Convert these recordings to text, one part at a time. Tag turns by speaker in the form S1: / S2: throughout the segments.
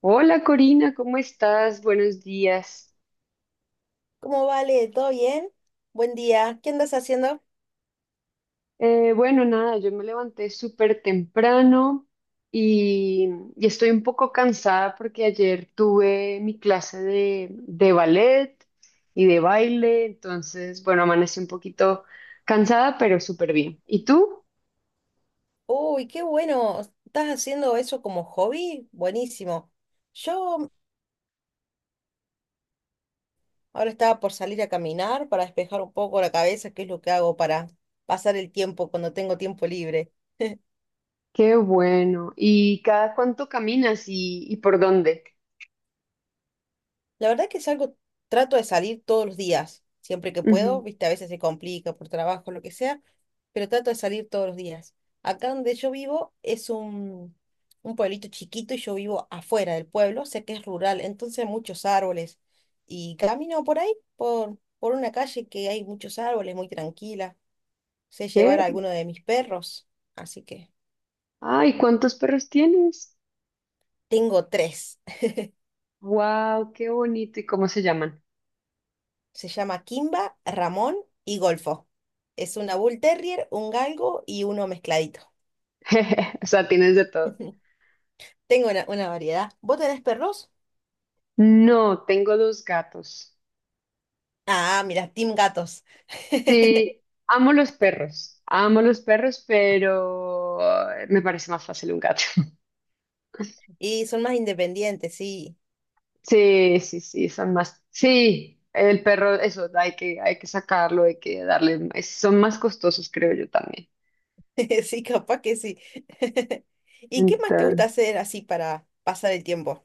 S1: Hola Corina, ¿cómo estás? Buenos días.
S2: ¿Cómo vale? ¿Todo bien? Buen día. ¿Qué andas haciendo?
S1: Bueno, nada, yo me levanté súper temprano y, y estoy un poco cansada porque ayer tuve mi clase de ballet y de baile, entonces, bueno, amanecí un poquito cansada, pero súper bien. ¿Y tú?
S2: Uy, qué bueno. ¿Estás haciendo eso como hobby? Buenísimo. Yo ahora estaba por salir a caminar para despejar un poco la cabeza, que es lo que hago para pasar el tiempo cuando tengo tiempo libre.
S1: Qué bueno. ¿Y cada cuánto caminas y por dónde?
S2: La verdad que trato de salir todos los días, siempre que puedo,
S1: Ujú.
S2: viste, a veces se complica por trabajo, lo que sea, pero trato de salir todos los días. Acá donde yo vivo es un pueblito chiquito y yo vivo afuera del pueblo, sé que es rural, entonces hay muchos árboles. Y camino por ahí, por una calle que hay muchos árboles, muy tranquila. Sé llevar a
S1: ¿Qué?
S2: alguno de mis perros, así que
S1: Ay, ¿cuántos perros tienes?
S2: tengo tres.
S1: ¡Wow! ¡Qué bonito! ¿Y cómo se llaman?
S2: Se llama Kimba, Ramón y Golfo. Es una Bull Terrier, un galgo y uno mezcladito.
S1: O sea, tienes de todo.
S2: Tengo una variedad. ¿Vos tenés perros?
S1: No, tengo dos gatos.
S2: Ah, mira, Team Gatos.
S1: Sí, amo los perros, pero me parece más fácil un gato.
S2: Y son más independientes, sí.
S1: Sí, sí, sí, son más. Sí, el perro, eso, hay que sacarlo, hay que darle, son más costosos, creo yo también.
S2: Sí, capaz que sí. ¿Y qué más te
S1: Entonces,
S2: gusta hacer así para pasar el tiempo?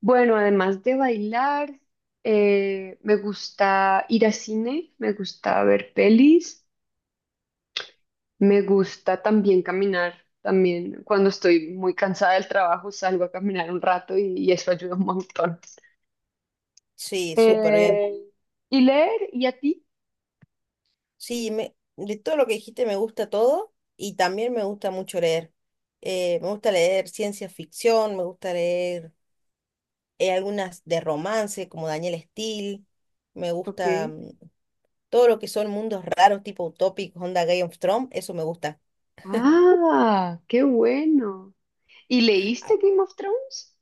S1: bueno, además de bailar, me gusta ir a cine, me gusta ver pelis. Me gusta también caminar, también cuando estoy muy cansada del trabajo salgo a caminar un rato y eso ayuda un montón.
S2: Sí, súper bien.
S1: Eh, ¿Y leer? ¿Y a ti?
S2: Sí, me, de todo lo que dijiste me gusta todo y también me gusta mucho leer. Me gusta leer ciencia ficción, me gusta leer algunas de romance como Daniel Steele, me
S1: Ok.
S2: gusta todo lo que son mundos raros tipo utópicos, onda Game of Thrones, eso me gusta.
S1: Ah, qué bueno. ¿Y leíste Game of Thrones?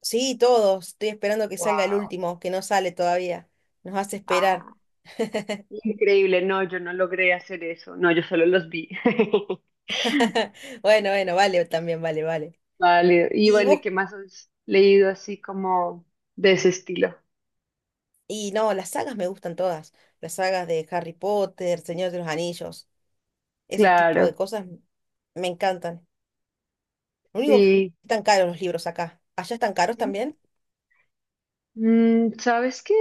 S2: Sí, todos. Estoy esperando que
S1: Wow.
S2: salga el último, que no sale todavía. Nos hace esperar.
S1: Ah, increíble. No, yo no logré hacer eso. No, yo solo los vi.
S2: Bueno, bueno, vale, también vale, vale.
S1: Válido. Y
S2: Y
S1: bueno, ¿y
S2: vos,
S1: qué más has leído así como de ese estilo?
S2: y no, las sagas me gustan todas. Las sagas de Harry Potter, Señor de los Anillos, ese tipo de
S1: Claro.
S2: cosas me encantan. Lo único que
S1: Sí.
S2: están caros los libros acá. ¿Allá están caros
S1: Sí.
S2: también?
S1: ¿Sabes qué?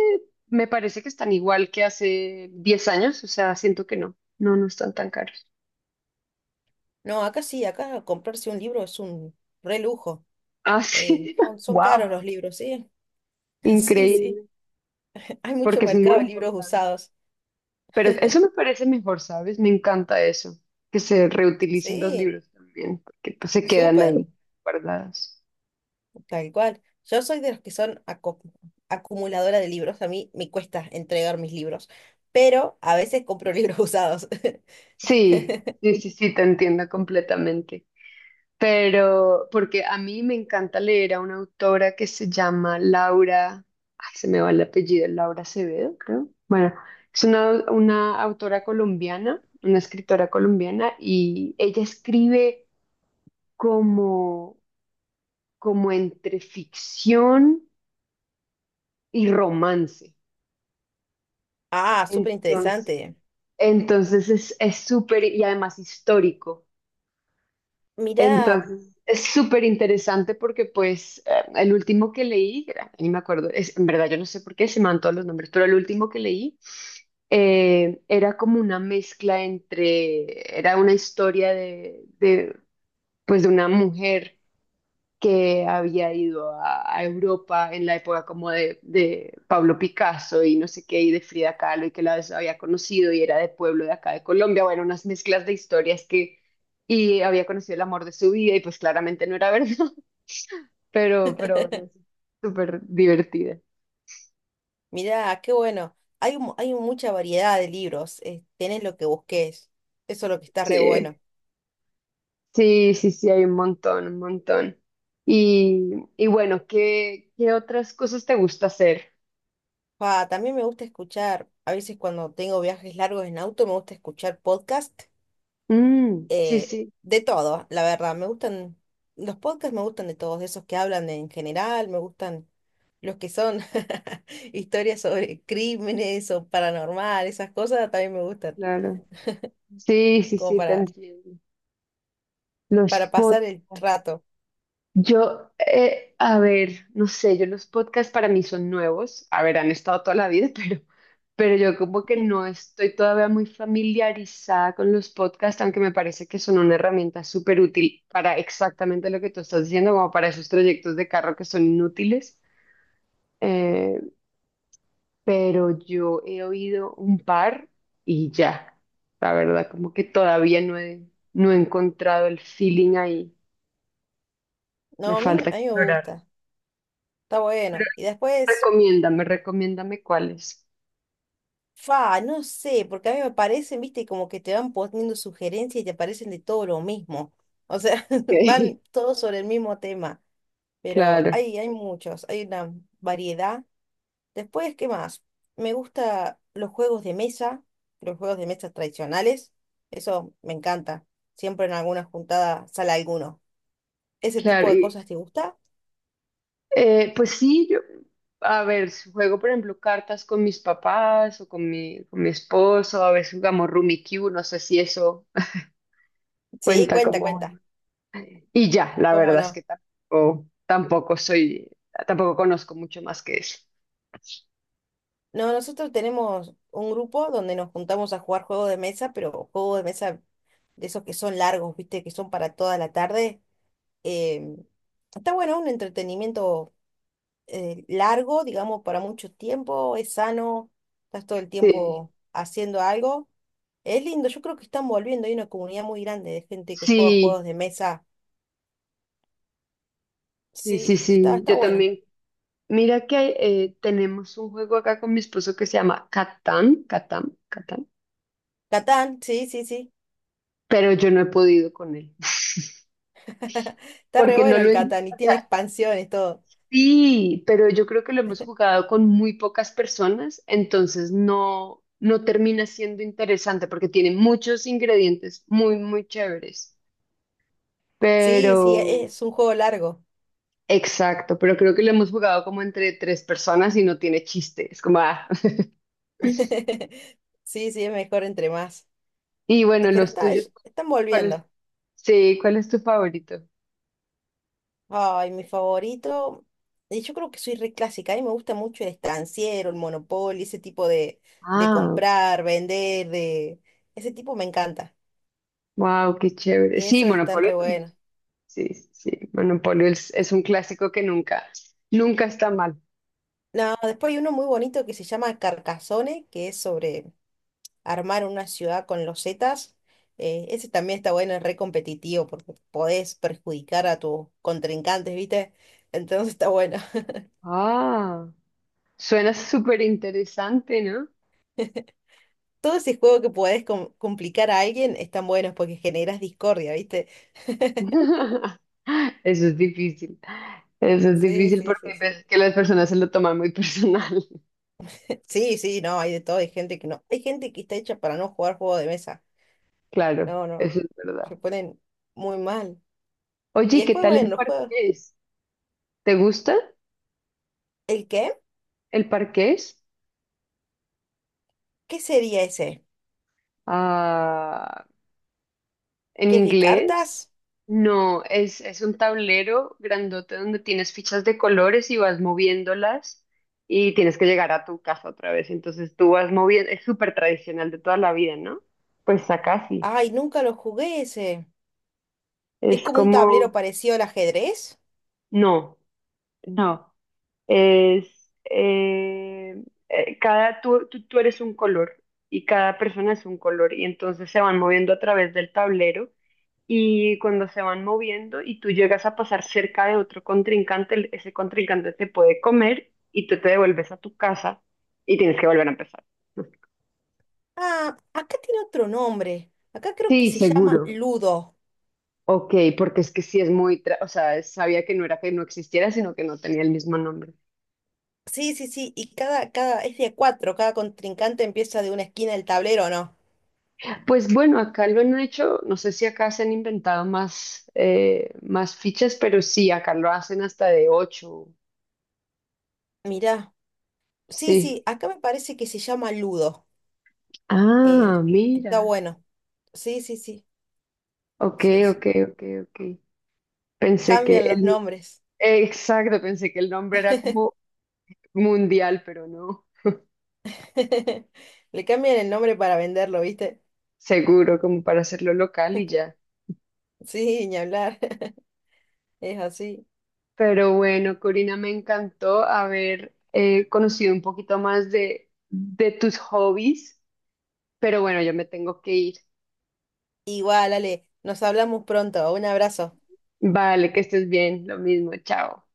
S1: Me parece que están igual que hace 10 años, o sea, siento que no están tan caros.
S2: No, acá sí, acá comprarse un libro es un re lujo.
S1: Ah, sí,
S2: Son, son
S1: wow,
S2: caros los libros, sí. Sí, sí.
S1: increíble,
S2: Hay mucho
S1: porque es muy
S2: mercado de libros
S1: importante.
S2: usados.
S1: Pero eso me parece mejor, ¿sabes? Me encanta eso, que se reutilicen los
S2: Sí,
S1: libros también, porque pues, se quedan
S2: súper.
S1: ahí guardados.
S2: Tal cual. Yo soy de los que son acumuladora de libros. A mí me cuesta entregar mis libros, pero a veces compro libros usados.
S1: Sí, sí, sí, sí, te entiendo completamente. Pero porque a mí me encanta leer a una autora que se llama Laura, ay, se me va el apellido, Laura Acevedo, creo. Bueno, es una autora colombiana, una escritora colombiana, y ella escribe como, como entre ficción y romance.
S2: Ah, súper
S1: Entonces,
S2: interesante.
S1: entonces es súper, y además histórico.
S2: Mirá,
S1: Entonces, es súper interesante porque pues el último que leí, ni me acuerdo, es, en verdad yo no sé por qué se me van todos los nombres, pero el último que leí era como una mezcla entre, era una historia pues de una mujer que había ido a Europa en la época como de Pablo Picasso y no sé qué, y de Frida Kahlo, y que la había conocido y era de pueblo de acá de Colombia, bueno, unas mezclas de historias que, y había conocido el amor de su vida y pues claramente no era verdad, pero bueno, es súper divertida.
S2: mirá, qué bueno. Hay, hay mucha variedad de libros. Tenés lo que busques. Eso es lo que está re
S1: Sí,
S2: bueno.
S1: sí, sí, sí, hay un montón, un montón. Y, y bueno, ¿qué, qué otras cosas te gusta hacer?
S2: Pa, también me gusta escuchar, a veces cuando tengo viajes largos en auto, me gusta escuchar podcast
S1: Mm, sí,
S2: eh,
S1: sí,
S2: de todo, la verdad. Me gustan, los podcasts me gustan de todos, de esos que hablan en general, me gustan los que son historias sobre crímenes o paranormal, esas cosas también me gustan,
S1: claro. Sí, sí,
S2: como
S1: sí, te
S2: para,
S1: entiendo. Los
S2: para
S1: pod,
S2: pasar el rato.
S1: yo, a ver, no sé, yo los podcasts para mí son nuevos, a ver, han estado toda la vida, pero yo como que no estoy todavía muy familiarizada con los podcasts, aunque me parece que son una herramienta súper útil para exactamente lo que tú estás diciendo, como para esos trayectos de carro que son inútiles. Eh, pero yo he oído un par y ya, la verdad, como que todavía no he encontrado el feeling ahí, me
S2: No,
S1: falta
S2: a mí me
S1: explorar.
S2: gusta, está bueno. Y después,
S1: Recomiéndame, recomiéndame cuáles.
S2: fa, no sé, porque a mí me parecen, viste, como que te van poniendo sugerencias y te parecen de todo lo mismo. O sea,
S1: Ok.
S2: van todos sobre el mismo tema, pero
S1: Claro,
S2: hay muchos, hay una variedad. Después, ¿qué más? Me gusta los juegos de mesa, los juegos de mesa tradicionales. Eso me encanta. Siempre en alguna juntada sale alguno. ¿Ese tipo
S1: claro.
S2: de
S1: Y,
S2: cosas te gusta?
S1: pues sí, yo, a ver, si juego, por ejemplo, cartas con mis papás o con mi esposo, a veces jugamos Rummikub, no sé si eso
S2: Sí,
S1: cuenta
S2: cuenta,
S1: como
S2: cuenta.
S1: juego. Y ya, la
S2: ¿Cómo
S1: verdad es
S2: no?
S1: que tampoco conozco mucho más que eso.
S2: No, nosotros tenemos un grupo donde nos juntamos a jugar juegos de mesa, pero juegos de mesa de esos que son largos, ¿viste? Que son para toda la tarde. Em, Está bueno, un entretenimiento largo, digamos, para mucho tiempo. Es sano, estás todo el
S1: Sí,
S2: tiempo haciendo algo. Es lindo, yo creo que están volviendo, hay una comunidad muy grande de gente que juega juegos
S1: sí,
S2: de mesa.
S1: sí, sí,
S2: Sí, está,
S1: sí.
S2: está
S1: Yo
S2: bueno.
S1: también. Mira que tenemos un juego acá con mi esposo que se llama Catán, Catán, Catán.
S2: Catán, sí, sí, sí.
S1: Pero yo no he podido con él,
S2: Está re
S1: porque no
S2: bueno
S1: lo,
S2: el
S1: en-
S2: Catán y
S1: o
S2: tiene
S1: sea,
S2: expansiones, todo.
S1: sí, pero yo creo que lo hemos jugado con muy pocas personas, entonces no termina siendo interesante porque tiene muchos ingredientes muy, muy chéveres,
S2: Sí,
S1: pero
S2: sí, es un juego largo.
S1: exacto, pero creo que lo hemos jugado como entre tres personas y no tiene chiste, es como, ah.
S2: Sí, sí, es mejor entre más.
S1: Y bueno,
S2: Pero
S1: los
S2: está,
S1: tuyos,
S2: están
S1: ¿cuál es?
S2: volviendo.
S1: Sí, ¿cuál es tu favorito?
S2: Ay, mi favorito. Y yo creo que soy re clásica. A mí me gusta mucho el estanciero, el Monopoly, ese tipo de
S1: Ah,
S2: comprar, vender, de... Ese tipo me encanta.
S1: wow, qué chévere.
S2: Y
S1: Sí,
S2: eso están re
S1: Monopoly también.
S2: buenos.
S1: Sí, sí, sí. Monopoly es un clásico que nunca, nunca está mal.
S2: No, después hay uno muy bonito que se llama Carcassonne, que es sobre armar una ciudad con losetas. Ese también está bueno, es re competitivo porque podés perjudicar a tus contrincantes, ¿viste? Entonces está bueno.
S1: Ah, suena súper interesante, ¿no?
S2: Todo ese juego que podés complicar a alguien están buenos porque generas discordia, ¿viste?
S1: Eso es difícil. Eso es
S2: Sí,
S1: difícil
S2: sí,
S1: porque
S2: sí,
S1: hay
S2: sí.
S1: veces que las personas se lo toman muy personal.
S2: Sí, sí, no, hay de todo, hay gente que no. Hay gente que está hecha para no jugar juego de mesa.
S1: Claro,
S2: No, no,
S1: eso es verdad.
S2: se ponen muy mal.
S1: Oye,
S2: Y
S1: ¿y qué
S2: después,
S1: tal
S2: bueno,
S1: el
S2: los juegos.
S1: parqués? ¿Te gusta
S2: ¿El qué?
S1: el parqués?
S2: ¿Qué sería ese?
S1: Ah, ¿en
S2: ¿Qué es de
S1: inglés?
S2: cartas?
S1: No, es un tablero grandote donde tienes fichas de colores y vas moviéndolas y tienes que llegar a tu casa otra vez. Entonces tú vas moviendo, es súper tradicional de toda la vida, ¿no? Pues acá sí.
S2: Ay, nunca lo jugué ese. ¿Es
S1: Es
S2: como un tablero
S1: como,
S2: parecido al ajedrez?
S1: no, no. Es, cada, tú eres un color y cada persona es un color y entonces se van moviendo a través del tablero y cuando se van moviendo y tú llegas a pasar cerca de otro contrincante, ese contrincante te puede comer y tú te devuelves a tu casa y tienes que volver a empezar.
S2: Ah, acá tiene otro nombre. Acá creo que
S1: Sí,
S2: se llama
S1: seguro.
S2: Ludo.
S1: Ok, porque es que sí es o sea, sabía que no era que no existiera, sino que no tenía el mismo nombre.
S2: Sí, sí, sí. Y cada, cada, es de a cuatro. Cada contrincante empieza de una esquina del tablero, ¿no?
S1: Pues bueno, acá lo han hecho, no sé si acá se han inventado más, más fichas, pero sí, acá lo hacen hasta de ocho.
S2: Mirá. Sí,
S1: Sí.
S2: sí, acá me parece que se llama Ludo. Eh,
S1: Ah,
S2: está
S1: mira.
S2: bueno. Sí, sí, sí.
S1: Ok,
S2: Sí,
S1: ok,
S2: sí.
S1: ok, ok. Pensé que
S2: Cambian los
S1: el
S2: nombres.
S1: Exacto, pensé que el nombre era como mundial, pero no,
S2: Le cambian el nombre para venderlo, ¿viste?
S1: seguro, como para hacerlo local y ya.
S2: Sí, ni hablar. Es así.
S1: Pero bueno, Corina, me encantó haber conocido un poquito más de tus hobbies, pero bueno, yo me tengo que ir.
S2: Igual, Ale, nos hablamos pronto. Un abrazo.
S1: Vale, que estés bien, lo mismo, chao.